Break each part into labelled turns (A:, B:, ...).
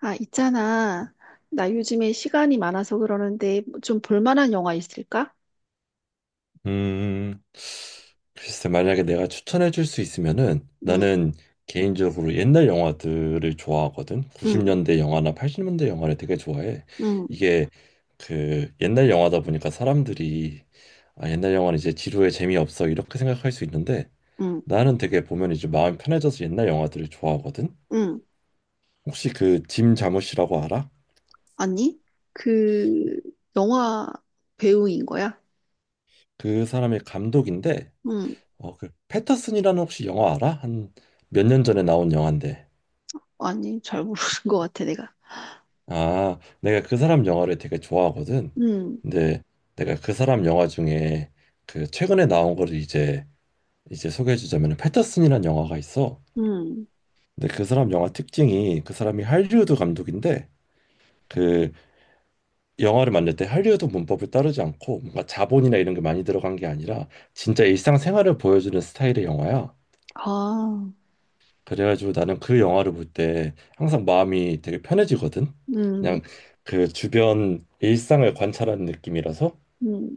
A: 아, 있잖아. 나 요즘에 시간이 많아서 그러는데 좀 볼만한 영화 있을까?
B: 음, 글쎄, 만약에 내가 추천해 줄 수 있으면은
A: 응,
B: 나는 개인적으로 옛날 영화들을 좋아하거든.
A: 응,
B: 90년대 영화나 80년대 영화를 되게 좋아해.
A: 응,
B: 이게 그 옛날 영화다 보니까 사람들이, 아, 옛날 영화는 이제 지루해 재미없어 이렇게 생각할 수 있는데,
A: 응,
B: 나는 되게 보면 이제 마음이 편해져서 옛날 영화들을 좋아하거든.
A: 응.
B: 혹시 그 짐 자무시라고 알아?
A: 아니, 그 영화 배우인 거야?
B: 그 사람의 감독인데,
A: 응,
B: 그 패터슨이라는 혹시 영화 알아? 한 몇 년 전에 나온 영화인데.
A: 아니, 잘 모르는 것 같아, 내가.
B: 아, 내가 그 사람 영화를 되게 좋아하거든.
A: 응,
B: 근데 내가 그 사람 영화 중에 그 최근에 나온 거를 이제 소개해 주자면 패터슨이라는 영화가 있어.
A: 응,
B: 근데 그 사람 영화 특징이, 그 사람이 할리우드 감독인데 그 영화를 만들 때 할리우드 문법을 따르지 않고, 뭔가 자본이나 이런 게 많이 들어간 게 아니라 진짜 일상생활을 보여주는 스타일의 영화야.
A: 아,
B: 그래가지고 나는 그 영화를 볼 때 항상 마음이 되게 편해지거든.
A: 응,
B: 그냥 그 주변 일상을 관찰하는 느낌이라서,
A: 응,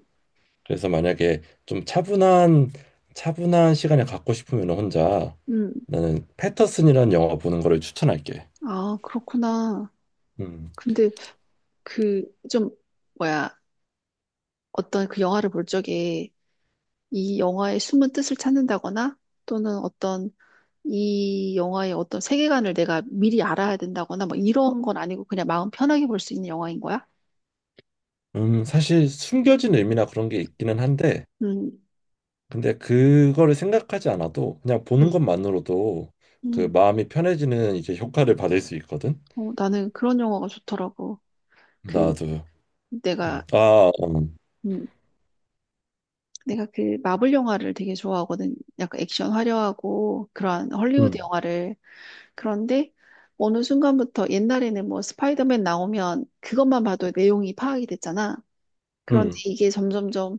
B: 그래서 만약에 좀 차분한 시간을 갖고 싶으면 혼자
A: 응.
B: 나는 패터슨이라는 영화 보는 거를 추천할게.
A: 아, 그렇구나.
B: 음,
A: 근데 그 좀, 뭐야, 어떤 그 영화를 볼 적에 이 영화의 숨은 뜻을 찾는다거나 또는 어떤 이 영화의 어떤 세계관을 내가 미리 알아야 된다거나 뭐 이런 건 아니고 그냥 마음 편하게 볼 수 있는 영화인 거야?
B: 사실 숨겨진 의미나 그런 게 있기는 한데,
A: 음,
B: 근데 그거를 생각하지 않아도 그냥 보는
A: 음,
B: 것만으로도 그
A: 음.
B: 마음이 편해지는 이제 효과를 받을 수 있거든.
A: 어, 나는 그런 영화가 좋더라고. 그
B: 나도. 음.
A: 내가
B: 아,
A: 음, 내가 그 마블 영화를 되게 좋아하거든. 약간 액션 화려하고 그러한 헐리우드
B: 음,
A: 영화를. 그런데 어느 순간부터 옛날에는 뭐 스파이더맨 나오면 그것만 봐도 내용이 파악이 됐잖아. 그런데
B: 음,
A: 이게 점점점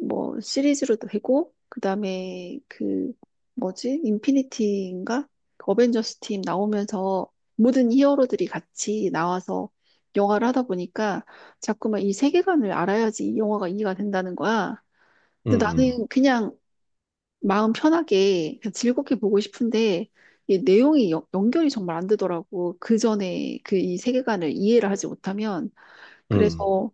A: 뭐 시리즈로도 되고 그다음에 그 뭐지? 인피니티인가? 그 어벤져스 팀 나오면서 모든 히어로들이 같이 나와서 영화를 하다 보니까 자꾸만 이 세계관을 알아야지 이 영화가 이해가 된다는 거야. 근데
B: 음,
A: 나는 그냥 마음 편하게 그냥 즐겁게 보고 싶은데 이 내용이 연결이 정말 안 되더라고. 그 전에 그 이 세계관을 이해를 하지 못하면
B: 음.
A: 그래서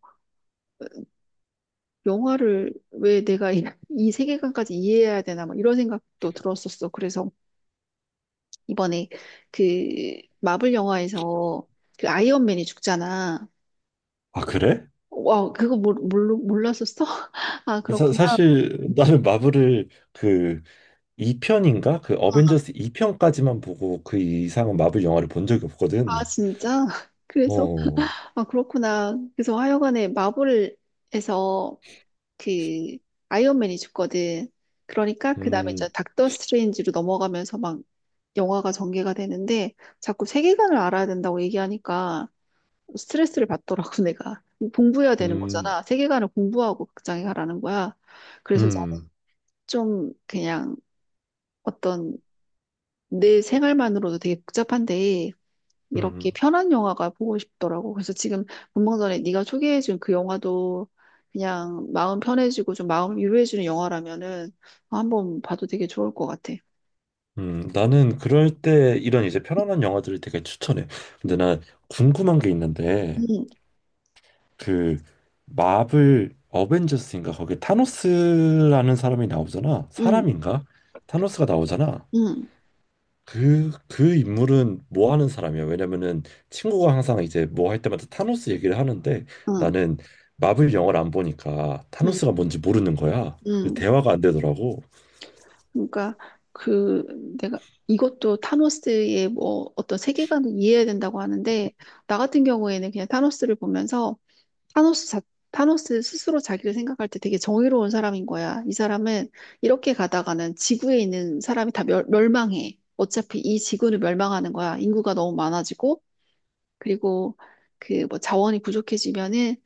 A: 영화를 왜 내가 이 세계관까지 이해해야 되나 막 이런 생각도 들었었어. 그래서 이번에 그 마블 영화에서 그 아이언맨이 죽잖아.
B: 아, 그래?
A: 와, 그거 몰랐었어? 아,
B: 사,
A: 그렇구나.
B: 사실 나는 마블을 그 2편인가? 그 어벤져스 2편까지만 보고 그 이상은 마블 영화를 본 적이
A: 아,
B: 없거든.
A: 진짜? 그래서,
B: 어,
A: 아, 그렇구나. 그래서 하여간에 마블에서 그 아이언맨이 죽거든. 그러니까 그 다음에 이제
B: 음,
A: 닥터 스트레인지로 넘어가면서 막 영화가 전개가 되는데 자꾸 세계관을 알아야 된다고 얘기하니까 스트레스를 받더라고, 내가. 공부해야 되는
B: 음,
A: 거잖아. 세계관을 공부하고 극장에 가라는 거야. 그래서 나는
B: 음,
A: 좀 그냥 어떤 내 생활만으로도 되게 복잡한데 이렇게
B: 음,
A: 편한 영화가 보고 싶더라고. 그래서 지금 분명 전에 네가 소개해준 그 영화도 그냥 마음 편해지고 좀 마음 유로해주는 영화라면은 한번 봐도 되게 좋을 것 같아.
B: 나는 그럴 때 이런 이제 편안한 영화들을 되게 추천해. 근데 난 궁금한 게 있는데,
A: 응,
B: 그 마블 어벤져스인가? 거기 타노스라는 사람이 나오잖아.
A: 응,
B: 사람인가? 타노스가 나오잖아.
A: 응,
B: 그 인물은 뭐 하는 사람이야? 왜냐면은 친구가 항상 이제 뭐 할 때마다 타노스 얘기를 하는데,
A: 응,
B: 나는 마블 영화를 안 보니까 타노스가
A: 응,
B: 뭔지 모르는 거야. 그래서
A: 응.
B: 대화가 안 되더라고.
A: 그러니까 그 내가 이것도 타노스의 뭐 어떤 세계관을 이해해야 된다고 하는데 나 같은 경우에는 그냥 타노스를 보면서 타노스 자, 타노스 스스로 자기를 생각할 때 되게 정의로운 사람인 거야. 이 사람은 이렇게 가다가는 지구에 있는 사람이 다 멸망해. 어차피 이 지구는 멸망하는 거야. 인구가 너무 많아지고 그리고 그 뭐 자원이 부족해지면은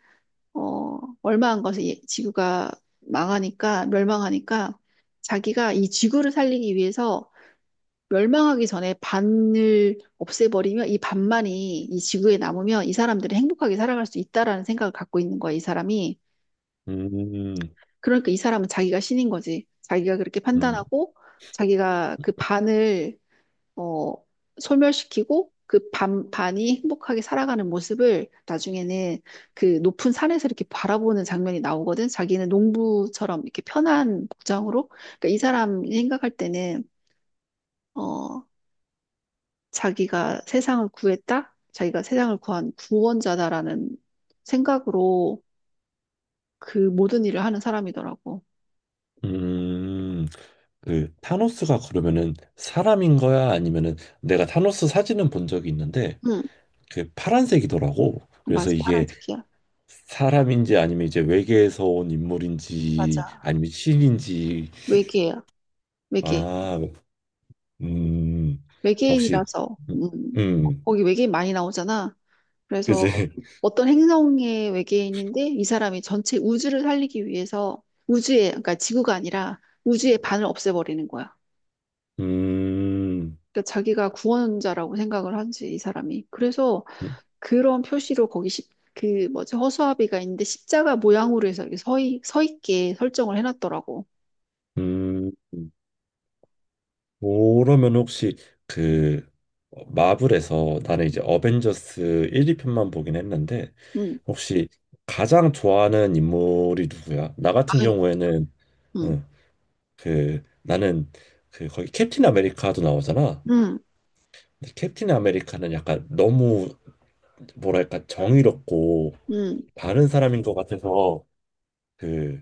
A: 어, 얼마한 것을 예- 지구가 망하니까, 멸망하니까 자기가 이 지구를 살리기 위해서 멸망하기 전에 반을 없애버리면 이 반만이 이 지구에 남으면 이 사람들이 행복하게 살아갈 수 있다라는 생각을 갖고 있는 거야, 이 사람이.
B: 음,
A: 그러니까 이 사람은 자기가 신인 거지. 자기가 그렇게
B: 음,
A: 판단하고 자기가 그 반을 어, 소멸시키고 그 반이 행복하게 살아가는 모습을 나중에는 그 높은 산에서 이렇게 바라보는 장면이 나오거든. 자기는 농부처럼 이렇게 편한 복장으로. 그러니까 이 사람이 생각할 때는 어, 자기가 세상을 구했다. 자기가 세상을 구한 구원자다라는 생각으로 그 모든 일을 하는 사람이더라고.
B: 음. 그 타노스가 그러면은 사람인 거야? 아니면은 내가 타노스 사진은 본 적이 있는데
A: 응,
B: 그 파란색이더라고. 그래서
A: 맞아.
B: 이게
A: 파란색이야.
B: 사람인지 아니면 이제 외계에서 온 인물인지
A: 맞아.
B: 아니면 신인지.
A: 외계야. 외계.
B: 아, 음, 아, 혹시,
A: 외계인이라서.
B: 음,
A: 거기 외계인 많이 나오잖아. 그래서
B: 그지?
A: 어떤 행성의 외계인인데 이 사람이 전체 우주를 살리기 위해서 우주에, 그러니까 지구가 아니라 우주의 반을 없애버리는 거야.
B: 음,
A: 그러니까 자기가 구원자라고 생각을 한지, 이 사람이. 그래서 그런 표시로 거기 십, 그 뭐지, 허수아비가 있는데 십자가 모양으로 해서 이렇게 서 있게 설정을 해놨더라고.
B: 음, 그러면 혹시 그 마블에서, 나는 이제 어벤져스 1, 2편만 보긴 했는데
A: 응,
B: 혹시 가장 좋아하는 인물이 누구야? 나 같은
A: 아예,
B: 경우에는,
A: 응,
B: 응, 그 나는 그 거기 캡틴 아메리카도 나오잖아.
A: 응,
B: 근데 캡틴 아메리카는 약간 너무 뭐랄까 정의롭고
A: 응,
B: 바른 사람인 것 같아서 그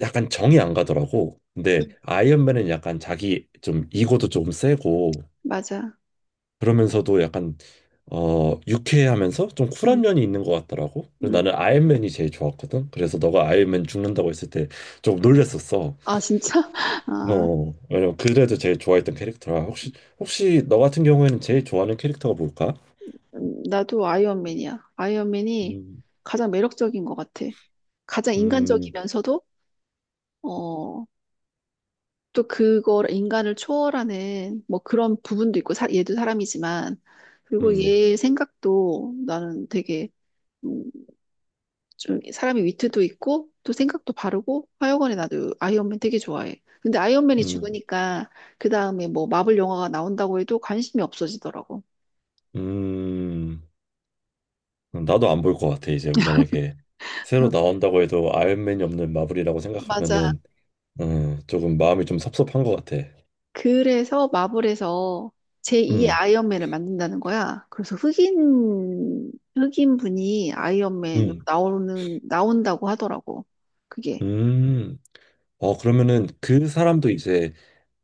B: 약간 정이 안 가더라고.
A: 응,
B: 근데 아이언맨은 약간 자기 좀 이거도 조금 세고
A: 맞아.
B: 그러면서도 약간 유쾌하면서 좀
A: 응,
B: 쿨한 면이 있는 것 같더라고. 그래서
A: 응.
B: 나는 아이언맨이 제일 좋았거든. 그래서 너가 아이언맨 죽는다고 했을 때 좀 놀랬었어.
A: 아, 진짜? 아.
B: 왜냐면 그래도 제일 좋아했던 캐릭터라. 혹시 너 같은 경우에는 제일 좋아하는 캐릭터가 뭘까?
A: 나도 아이언맨이야. 아이언맨이
B: 음,
A: 가장 매력적인 것 같아. 가장
B: 음,
A: 인간적이면서도, 어, 또 그걸, 인간을 초월하는 뭐 그런 부분도 있고, 사, 얘도 사람이지만, 그리고
B: 음,
A: 얘 생각도 나는 되게, 음, 좀 사람의 위트도 있고, 또 생각도 바르고, 하여간에 나도 아이언맨 되게 좋아해. 근데 아이언맨이
B: 음,
A: 죽으니까, 그 다음에 뭐 마블 영화가 나온다고 해도 관심이 없어지더라고.
B: 음. 나도 안 볼 것 같아. 이제 만약에 새로 나온다고 해도 아이언맨이 없는 마블이라고
A: 맞아.
B: 생각하면은 조금 마음이 좀 섭섭한 것 같아.
A: 그래서 마블에서 제2의
B: 음,
A: 아이언맨을 만든다는 거야. 그래서 흑인 분이
B: 음,
A: 나온다고 하더라고. 그게.
B: 음. 그러면은 그 사람도 이제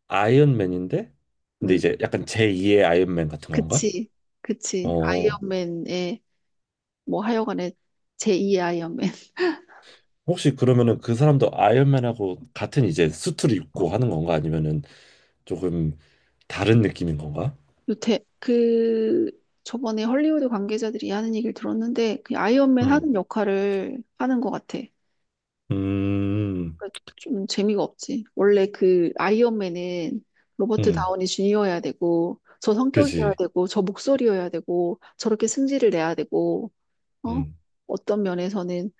B: 아이언맨인데, 근데
A: 음,
B: 이제 약간 제2의 아이언맨 같은 건가?
A: 그치. 그치.
B: 어
A: 아이언맨의, 뭐 하여간에 제2의 아이언맨.
B: 혹시 그러면은 그 사람도 아이언맨하고 같은 이제 수트를 입고 하는 건가? 아니면은 조금 다른 느낌인 건가?
A: 요태, 그, 저번에 헐리우드 관계자들이 하는 얘기를 들었는데, 그 아이언맨
B: 음,
A: 하는 역할을 하는 것 같아.
B: 음,
A: 그좀 재미가 없지. 원래 그 아이언맨은 로버트
B: 음,
A: 다우니 주니어여야 되고 저 성격이어야
B: 그지.
A: 되고 저 목소리여야 되고 저렇게 승질을 내야 되고 어
B: 음,
A: 어떤 면에서는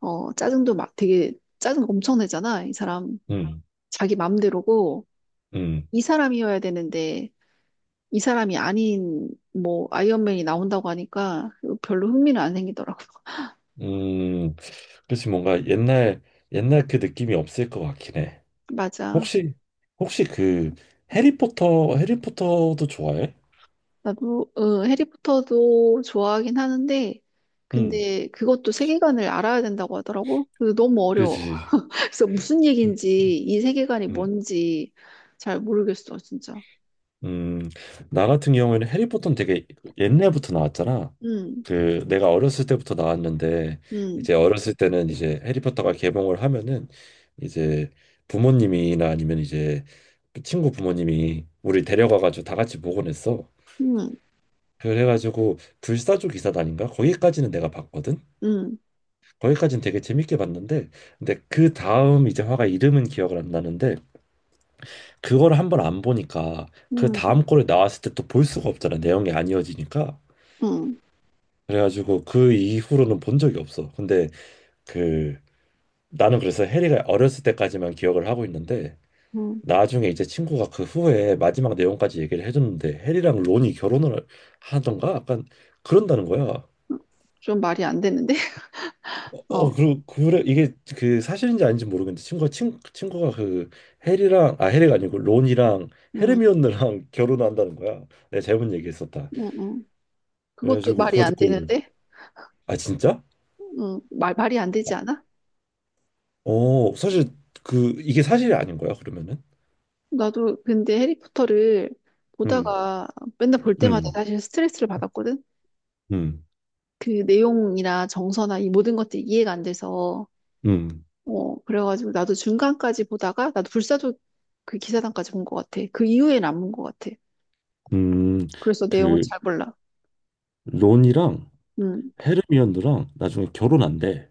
A: 어 짜증도 막 되게 짜증 엄청 내잖아. 이 사람
B: 음,
A: 자기 맘대로고
B: 음.
A: 이 사람이어야 되는데 이 사람이 아닌 뭐 아이언맨이 나온다고 하니까 별로 흥미는 안 생기더라고.
B: 음, 그렇지, 뭔가 옛날 그 느낌이 없을 것 같긴 해.
A: 맞아.
B: 혹시 혹시 그 해리포터도 좋아해?
A: 나도 어, 해리포터도 좋아하긴 하는데
B: 음,
A: 근데 그것도 세계관을 알아야 된다고 하더라고. 그래서 너무 어려워.
B: 그지.
A: 그래서 무슨
B: 음, 음,
A: 얘기인지 이 세계관이
B: 음.
A: 뭔지 잘 모르겠어, 진짜.
B: 음. 나 같은 경우에는 해리포터는 되게 옛날부터 나왔잖아.
A: 음,
B: 그 내가 어렸을 때부터 나왔는데 이제
A: 음,
B: 어렸을 때는 이제 해리포터가 개봉을 하면은 이제 부모님이나 아니면 이제 친구 부모님이 우리 데려가가지고 다 같이 보곤 했어.
A: 음,
B: 그래가지고 불사조 기사단인가 거기까지는 내가 봤거든.
A: 음,
B: 거기까지는 되게 재밌게 봤는데, 근데 그 다음 이제 화가 이름은 기억을 안 나는데, 그거를 한번 안 보니까 그
A: 음,
B: 다음 거를 나왔을 때 또 볼 수가 없잖아. 내용이 안 이어지니까.
A: 음,
B: 그래가지고 그 이후로는 본 적이 없어. 근데 그 나는 그래서 해리가 어렸을 때까지만 기억을 하고 있는데,
A: 음.
B: 나중에 이제 친구가 그 후에 마지막 내용까지 얘기를 해줬는데, 해리랑 론이 결혼을 하던가 약간 그런다는 거야.
A: 좀 말이 안 되는데?
B: 어,
A: 어,
B: 어, 그리고 그래, 이게 그 사실인지 아닌지 모르겠는데, 친구가 그 해리랑, 아, 해리가 아니고 론이랑
A: 음,
B: 헤르미온느랑 결혼한다는 거야. 내가 잘못 얘기했었다.
A: 음, 음. 그것도
B: 그래가지고
A: 말이
B: 그거
A: 안
B: 듣고
A: 되는데?
B: 아, 진짜?
A: 말이 안 되지 않아?
B: 사실 그 이게 사실이 아닌 거야 그러면은?
A: 나도 근데 해리포터를
B: 음,
A: 보다가 맨날 볼 때마다
B: 음,
A: 사실 스트레스를 받았거든?
B: 음,
A: 그 내용이나 정서나 이 모든 것들이 이해가 안 돼서
B: 음,
A: 어 그래가지고 나도 중간까지 보다가 나도 불사조 그 기사단까지 본 것 같아. 그 이후엔 안본 것 같아.
B: 음,
A: 그래서 내용을
B: 그
A: 잘 몰라.
B: 론이랑
A: 음,
B: 헤르미온느랑 나중에 결혼한대.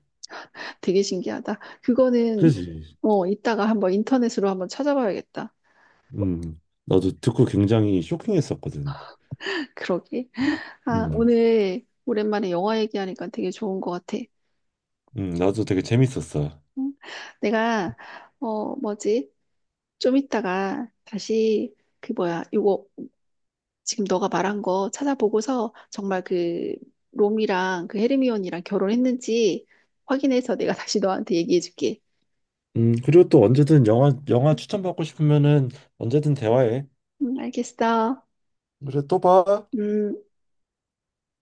A: 되게 신기하다. 그거는
B: 그지?
A: 어 이따가 한번 인터넷으로 한번 찾아봐야겠다.
B: 나도 듣고 굉장히 쇼킹했었거든.
A: 그러게. 아
B: 음,
A: 오늘 오랜만에 영화 얘기하니까 되게 좋은 것 같아.
B: 나도 되게 재밌었어.
A: 응? 내가 어 뭐지? 좀 이따가 다시 그 뭐야 이거 지금 너가 말한 거 찾아보고서 정말 그 롬이랑 그 헤르미온이랑 결혼했는지 확인해서 내가 다시 너한테 얘기해줄게.
B: 그리고 또 언제든 영화 추천받고 싶으면은 언제든 대화해.
A: 응, 알겠어.
B: 그래, 또 봐.
A: 음.